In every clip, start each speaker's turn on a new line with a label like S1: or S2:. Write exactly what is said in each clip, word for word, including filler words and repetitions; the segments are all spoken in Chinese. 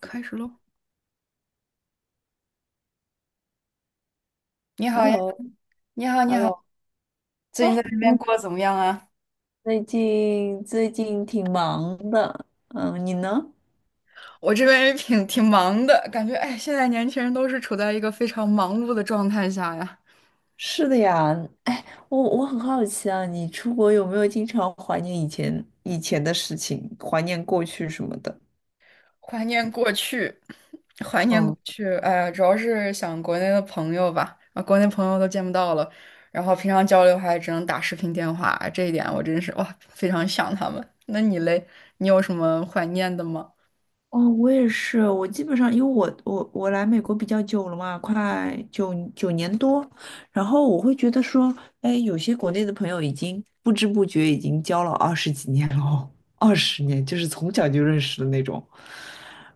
S1: 开始喽。你好呀，
S2: Hello,Hello。
S1: 你好，你好，最近在这边
S2: 嗯，
S1: 过得怎么样啊？
S2: 最近最近挺忙的，嗯，你呢？
S1: 我这边也挺挺忙的，感觉哎，现在年轻人都是处在一个非常忙碌的状态下呀。
S2: 是的呀。哎，我我很好奇啊，你出国有没有经常怀念以前以前的事情，怀念过去什么的？
S1: 怀念过去，怀念过
S2: 嗯。
S1: 去，哎，主要是想国内的朋友吧，啊，国内朋友都见不到了，然后平常交流还只能打视频电话，这一点我真是哇，非常想他们。那你嘞，你有什么怀念的吗？
S2: 哦，我也是，我基本上因为我我我来美国比较久了嘛，快九九年多，然后我会觉得说，哎，有些国内的朋友已经不知不觉已经交了二十几年了哦，二十年就是从小就认识的那种。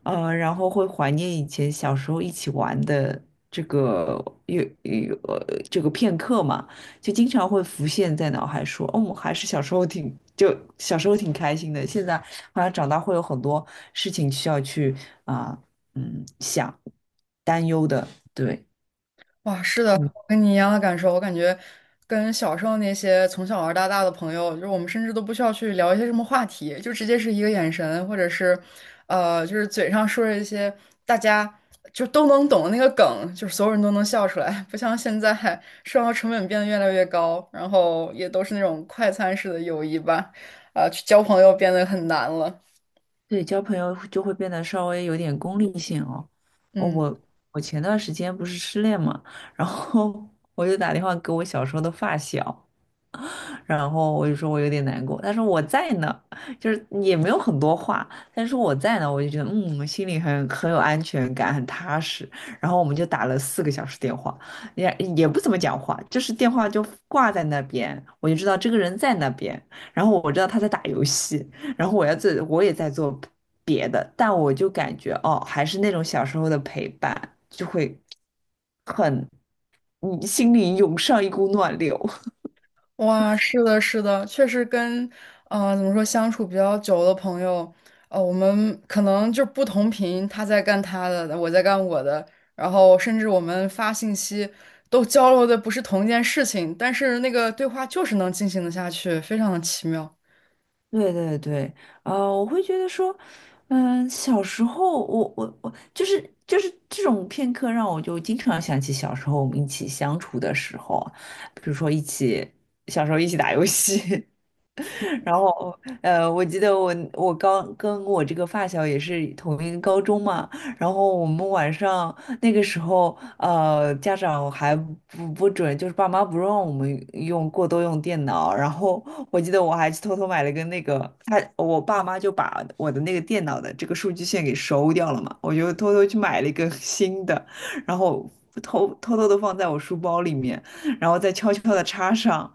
S2: 呃，然后会怀念以前小时候一起玩的这个有有呃这个片刻嘛，就经常会浮现在脑海说，哦，我还是小时候挺就小时候挺开心的，现在。后来长大会有很多事情需要去啊、嗯，想担忧的，对。
S1: 哇，是的，
S2: 嗯，
S1: 我跟你一样的感受。我感觉跟小时候那些从小玩到大的朋友，就是我们甚至都不需要去聊一些什么话题，就直接是一个眼神，或者是，呃，就是嘴上说着一些大家就都能懂的那个梗，就是所有人都能笑出来。不像现在生活成本变得越来越高，然后也都是那种快餐式的友谊吧，啊、去交朋友变得很难了。
S2: 对，交朋友就会变得稍微有点功利性哦。哦，
S1: 嗯。
S2: 我我前段时间不是失恋嘛，然后 我就打电话给我小时候的发小，然后我就说我有点难过，他说我在呢，就是也没有很多话，但是我在呢，我就觉得嗯，心里很很有安全感，很踏实。然后我们就打了四个小时电话，也也不怎么讲话，就是电话就挂在那边，我就知道这个人在那边，然后我知道他在打游戏，然后我要做，我也在做别的，但我就感觉哦，还是那种小时候的陪伴，就会很，你心里涌上一股暖流。
S1: 哇，是的，是的，确实跟，呃，怎么说，相处比较久的朋友，呃，我们可能就不同频，他在干他的，我在干我的，然后甚至我们发信息都交流的不是同一件事情，但是那个对话就是能进行的下去，非常的奇妙。
S2: 对对对。呃，我会觉得说，嗯、小时候我我我就是就是这种片刻让我就经常想起小时候我们一起相处的时候啊，比如说一起小时候一起打游戏，然后，呃，我记得我我刚跟我这个发小也是同一个高中嘛，然后我们晚上那个时候，呃，家长还不不准，就是爸妈不让我们用过多用电脑，然后我记得我还去偷偷买了个那个，他我爸妈就把我的那个电脑的这个数据线给收掉了嘛，我就偷偷去买了一个新的，然后偷偷偷的放在我书包里面。然后再悄悄的插上，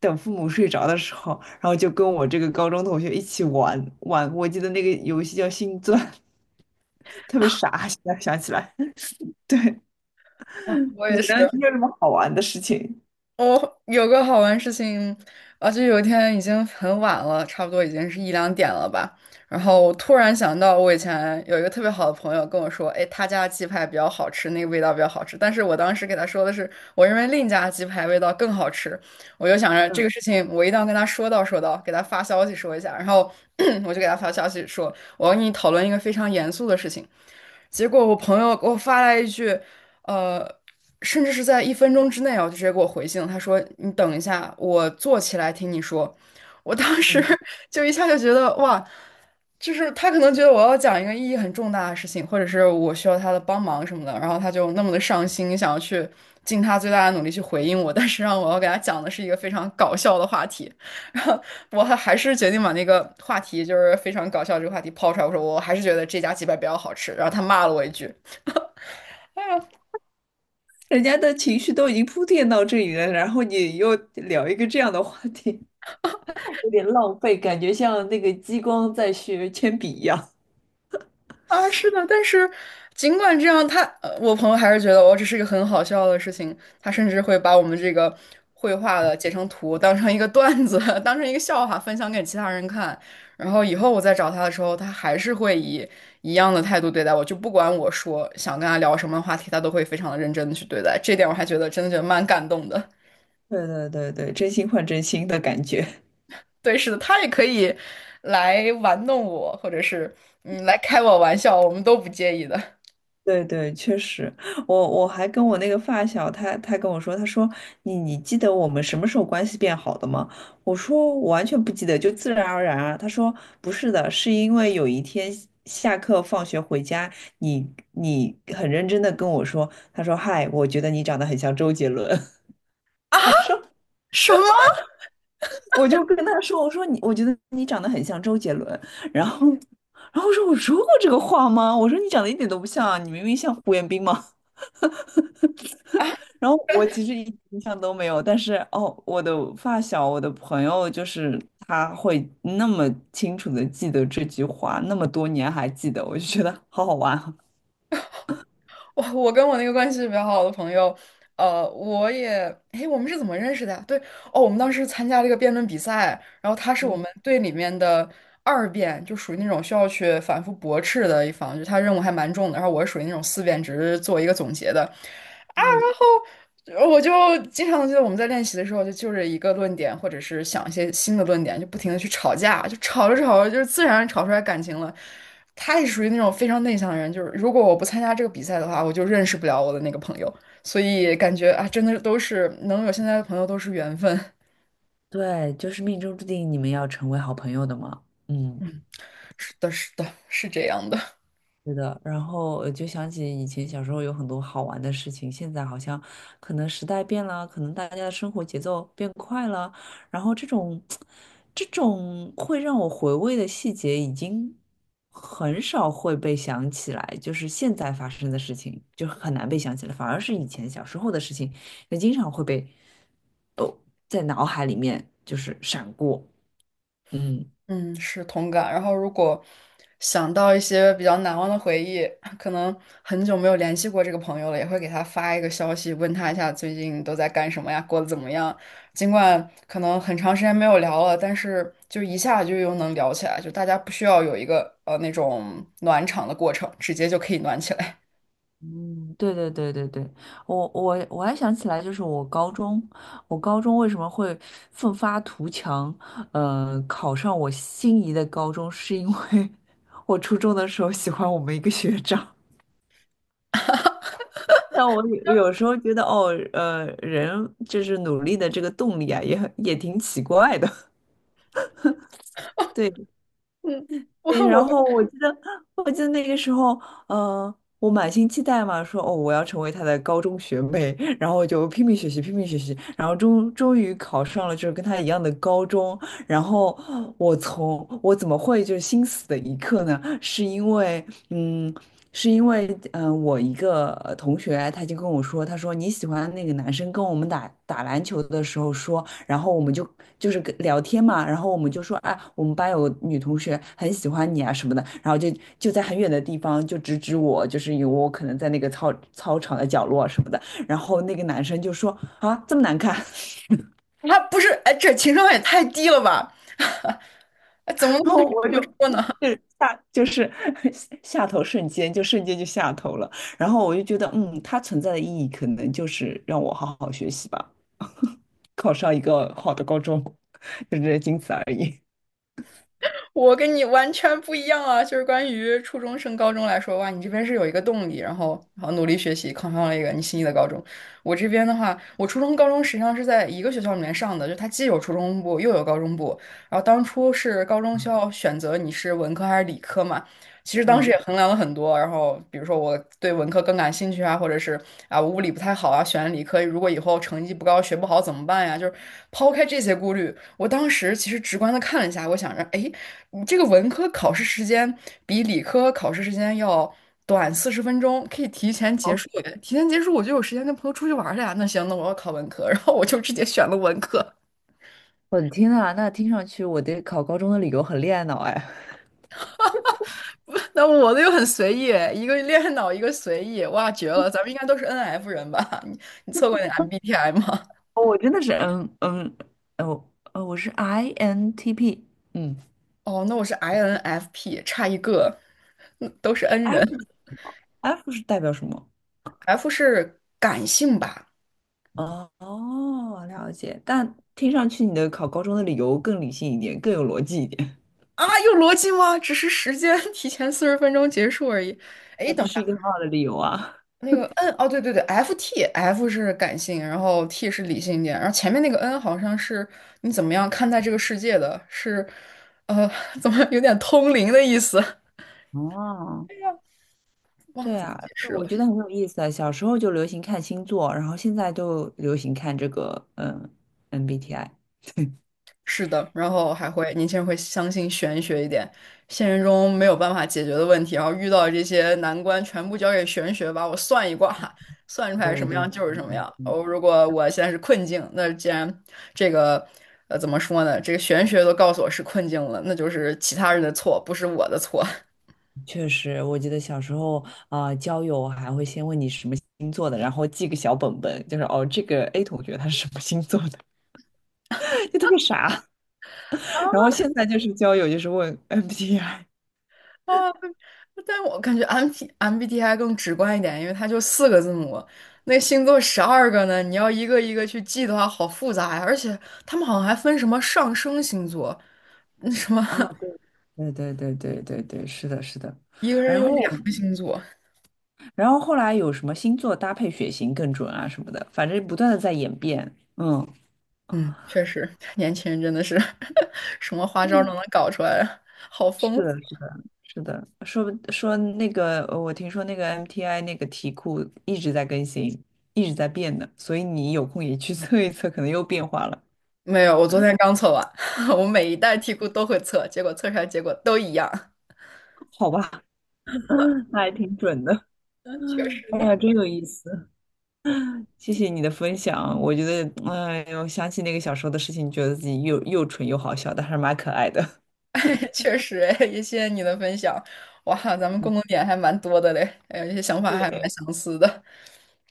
S2: 等父母睡着的时候，然后就跟我这个高中同学一起玩玩。我记得那个游戏叫星钻，特别傻，现在想起来。对。
S1: 哇，我
S2: 你
S1: 也是。
S2: 呢？你有什么好玩的事情？
S1: 我有个好玩事情，而且有一天已经很晚了，差不多已经是一两点了吧。然后我突然想到，我以前有一个特别好的朋友跟我说，哎，他家的鸡排比较好吃，那个味道比较好吃。但是我当时给他说的是，我认为另一家鸡排味道更好吃。我就想着这
S2: 嗯
S1: 个事情，我一定要跟他说道说道，给他发消息说一下。然后 我就给他发消息说，我要跟你讨论一个非常严肃的事情。结果我朋友给我发来一句。呃。甚至是在一分钟之内哦，就直接给我回信了。他说：“你等一下，我坐起来听你说。”我当时
S2: 嗯。
S1: 就一下就觉得哇，就是他可能觉得我要讲一个意义很重大的事情，或者是我需要他的帮忙什么的，然后他就那么的上心，想要去尽他最大的努力去回应我，但是让我要给他讲的是一个非常搞笑的话题，然后我还还是决定把那个话题就是非常搞笑这个话题抛出来，我说我还是觉得这家鸡排比较好吃，然后他骂了我一句。
S2: 人家的情绪都已经铺垫到这里了，然后你又聊一个这样的话题，有点浪费，感觉像那个激光在学铅笔一样。
S1: 啊，是的，但是尽管这样，他呃我朋友还是觉得我这是一个很好笑的事情。他甚至会把我们这个绘画的截成图，当成一个段子，当成一个笑话分享给其他人看。然后以后我再找他的时候，他还是会以一样的态度对待我，就不管我说想跟他聊什么话题，他都会非常的认真的去对待。这点我还觉得真的觉得蛮感动的。
S2: 对对对对，真心换真心的感觉。
S1: 对，是的，他也可以来玩弄我，或者是嗯来开我玩笑，我们都不介意的。
S2: 对对，确实。我我还跟我那个发小，他他跟我说，他说你你记得我们什么时候关系变好的吗？我说我完全不记得，就自然而然啊。他说不是的，是因为有一天下课放学回家，你你很认真的跟我说，他说嗨，我觉得你长得很像周杰伦。我说
S1: 什么？
S2: 我就跟他说，我说你我觉得你长得很像周杰伦，然后然后我说我说过这个话吗？我说你长得一点都不像啊，你明明像胡彦斌吗？然后我其实一点印象都没有，但是哦，我的发小，我的朋友，就是他会那么清楚的记得这句话，那么多年还记得，我就觉得好好玩啊。
S1: 我我跟我那个关系比较好的朋友，呃，我也，诶，我们是怎么认识的呀对，哦，我们当时参加这个辩论比赛，然后他是我们队里面的二辩，就属于那种需要去反复驳斥的一方，就他任务还蛮重的，然后我是属于那种四辩，只是做一个总结的。呃我就经常记得我们在练习的时候，就就着一个论点，或者是想一些新的论点，就不停的去吵架，就吵着吵着，就是自然吵出来感情了。他也属于那种非常内向的人，就是如果我不参加这个比赛的话，我就认识不了我的那个朋友，所以感觉啊，真的都是能有现在的朋友都是缘分。
S2: 对，就是命中注定你们要成为好朋友的嘛。嗯。
S1: 是的，是的，是这样的。
S2: 是的。然后呃就想起以前小时候有很多好玩的事情，现在好像可能时代变了，可能大家的生活节奏变快了，然后这种这种会让我回味的细节已经很少会被想起来，就是现在发生的事情就很难被想起来，反而是以前小时候的事情，也经常会被哦在脑海里面就是闪过。嗯。
S1: 嗯，是同感。然后，如果想到一些比较难忘的回忆，可能很久没有联系过这个朋友了，也会给他发一个消息，问他一下最近都在干什么呀，过得怎么样。尽管可能很长时间没有聊了，但是就一下就又能聊起来，就大家不需要有一个呃那种暖场的过程，直接就可以暖起来。
S2: 嗯，对对对对对。我我我还想起来，就是我高中，我高中为什么会奋发图强，呃，考上我心仪的高中，是因为 我初中的时候喜欢我们一个学长。但我有有时候觉得，哦，呃，人就是努力的这个动力啊，也很也挺奇怪的。对。
S1: 嗯，我
S2: 对然
S1: 我
S2: 后我记得，我记得那个时候，呃，我满心期待嘛，说哦，我要成为他的高中学妹，然后我就拼命学习，拼命学习，然后终终于考上了就是跟他一样的高中。然后我从我怎么会就是心死的一刻呢？是因为，嗯，是因为，嗯、我一个呃同学他就跟我说，他说你喜欢那个男生跟我们打打篮球的时候说。然后我们就就是跟聊天嘛，然后我们就说，哎，我们班有女同学很喜欢你啊什么的，然后就就在很远的地方就指指我，就是有我可能在那个操操场的角落什么的，然后那个男生就说啊这么难看。
S1: 他不是，哎，这情商也太低了吧？哎怎么
S2: 然
S1: 能
S2: 后我
S1: 这么
S2: 就
S1: 说呢？
S2: 就是下就是 下头瞬间就瞬间就下头了，然后我就觉得嗯，它存在的意义可能就是让我好好学习吧，考上一个好的高中，就这仅此而已。
S1: 我跟你完全不一样啊！就是关于初中升高中来说，哇，你这边是有一个动力，然后然后努力学习，考上了一个你心仪的高中。我这边的话，我初中、高中实际上是在一个学校里面上的，就它既有初中部又有高中部。然后当初是高中需要选择你是文科还是理科嘛，其实当时
S2: 嗯。
S1: 也衡量了很多。然后比如说我对文科更感兴趣啊，或者是啊我物理不太好啊，选了理科，如果以后成绩不高学不好怎么办呀？就是抛开这些顾虑，我当时其实直观的看了一下，我想着，哎。你这个文科考试时间比理科考试时间要短四十分钟，可以提前结束耶提前结束，我就有时间跟朋友出去玩儿了呀。那行，那我要考文科，然后我就直接选了文科。
S2: 我的天呐，那听上去我对考高中的理由很恋爱脑哎。
S1: 那我的又很随意，一个恋脑，一个随意，哇，绝了！咱们应该都是 N F 人吧？你你测过那 M B T I 吗？
S2: 哦我真的是嗯嗯哦哦，我是 I N T P。嗯
S1: 哦，那我是 I N F P，差一个，嗯都是 N 人。
S2: ，F， F 是代表什么？
S1: F 是感性吧？
S2: 哦哦，了解。但听上去你的考高中的理由更理性一点，更有逻辑一点。
S1: 啊，有逻辑吗？只是时间 提前四十分钟结束而已。哎，
S2: 啊，这
S1: 等。下。
S2: 是一个很好的理由啊。
S1: 那个 N 哦，对对对，F T F 是感性，然后 T 是理性一点，然后前面那个 N 好像是你怎么样看待这个世界的，是呃，怎么有点通灵的意思，
S2: 哦，
S1: 忘了
S2: 对
S1: 怎么
S2: 啊。
S1: 解释
S2: 我
S1: 了。
S2: 觉得很有意思啊。小时候就流行看星座，然后现在就流行看这个嗯 M B T I。
S1: 是的，然后还会年轻人会相信玄学一点，现实中没有办法解决的问题，然后遇到这些难关，全部交给玄学吧，我算一卦，算出来什
S2: 对
S1: 么
S2: 对。
S1: 样
S2: 嗯
S1: 就是什么
S2: 嗯
S1: 样。
S2: 嗯
S1: 哦，如果我现在是困境，那既然这个呃怎么说呢，这个玄学都告诉我是困境了，那就是其他人的错，不是我的错。
S2: 确实，我记得小时候啊、交友还会先问你什么星座的，然后记个小本本，就是哦，这个 A 同学他是什么星座的，就特别傻。然后 现在就是交友，就是问 M B T I
S1: 啊，但我感觉 M T M B T I 更直观一点，因为它就四个字母，那星座十二个呢，你要一个一个去记的话，好复杂呀。而且他们好像还分什么上升星座，那什么
S2: 啊。对对对对对对，是的，是的。
S1: 一个人
S2: 然
S1: 有
S2: 后，
S1: 两个星座。
S2: 然后后来有什么星座搭配血型更准啊什么的，反正不断的在演变。嗯。
S1: 嗯，确实，年轻人真的是 什么花招都能搞出来，好
S2: 是
S1: 丰富。
S2: 的，是的，是的。说说那个，呃我听说那个 M T I 那个题库一直在更新，一直在变的，所以你有空也去 测一测，可能又变化了，
S1: 没有，我昨天刚测完，我每一代题库都会测，结果测出来结果都一样。
S2: 好吧？那还挺准的。
S1: 嗯，确实。
S2: 哎
S1: 呢。
S2: 呀，真有意思，谢谢你的分享。我觉得，哎呦，想起那个小时候的事情，觉得自己又又蠢又好笑，但是蛮可爱的。
S1: 确实，哎，也谢谢你的分享。哇，咱们共
S2: 嗯，
S1: 同点还蛮多的嘞，还有一些想法还蛮
S2: 对。
S1: 相似的。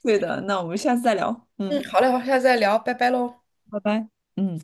S2: 对的。那我们下次再聊。
S1: 嗯，
S2: 嗯，
S1: 好嘞，好，下次再聊，拜拜喽。
S2: 拜拜。嗯。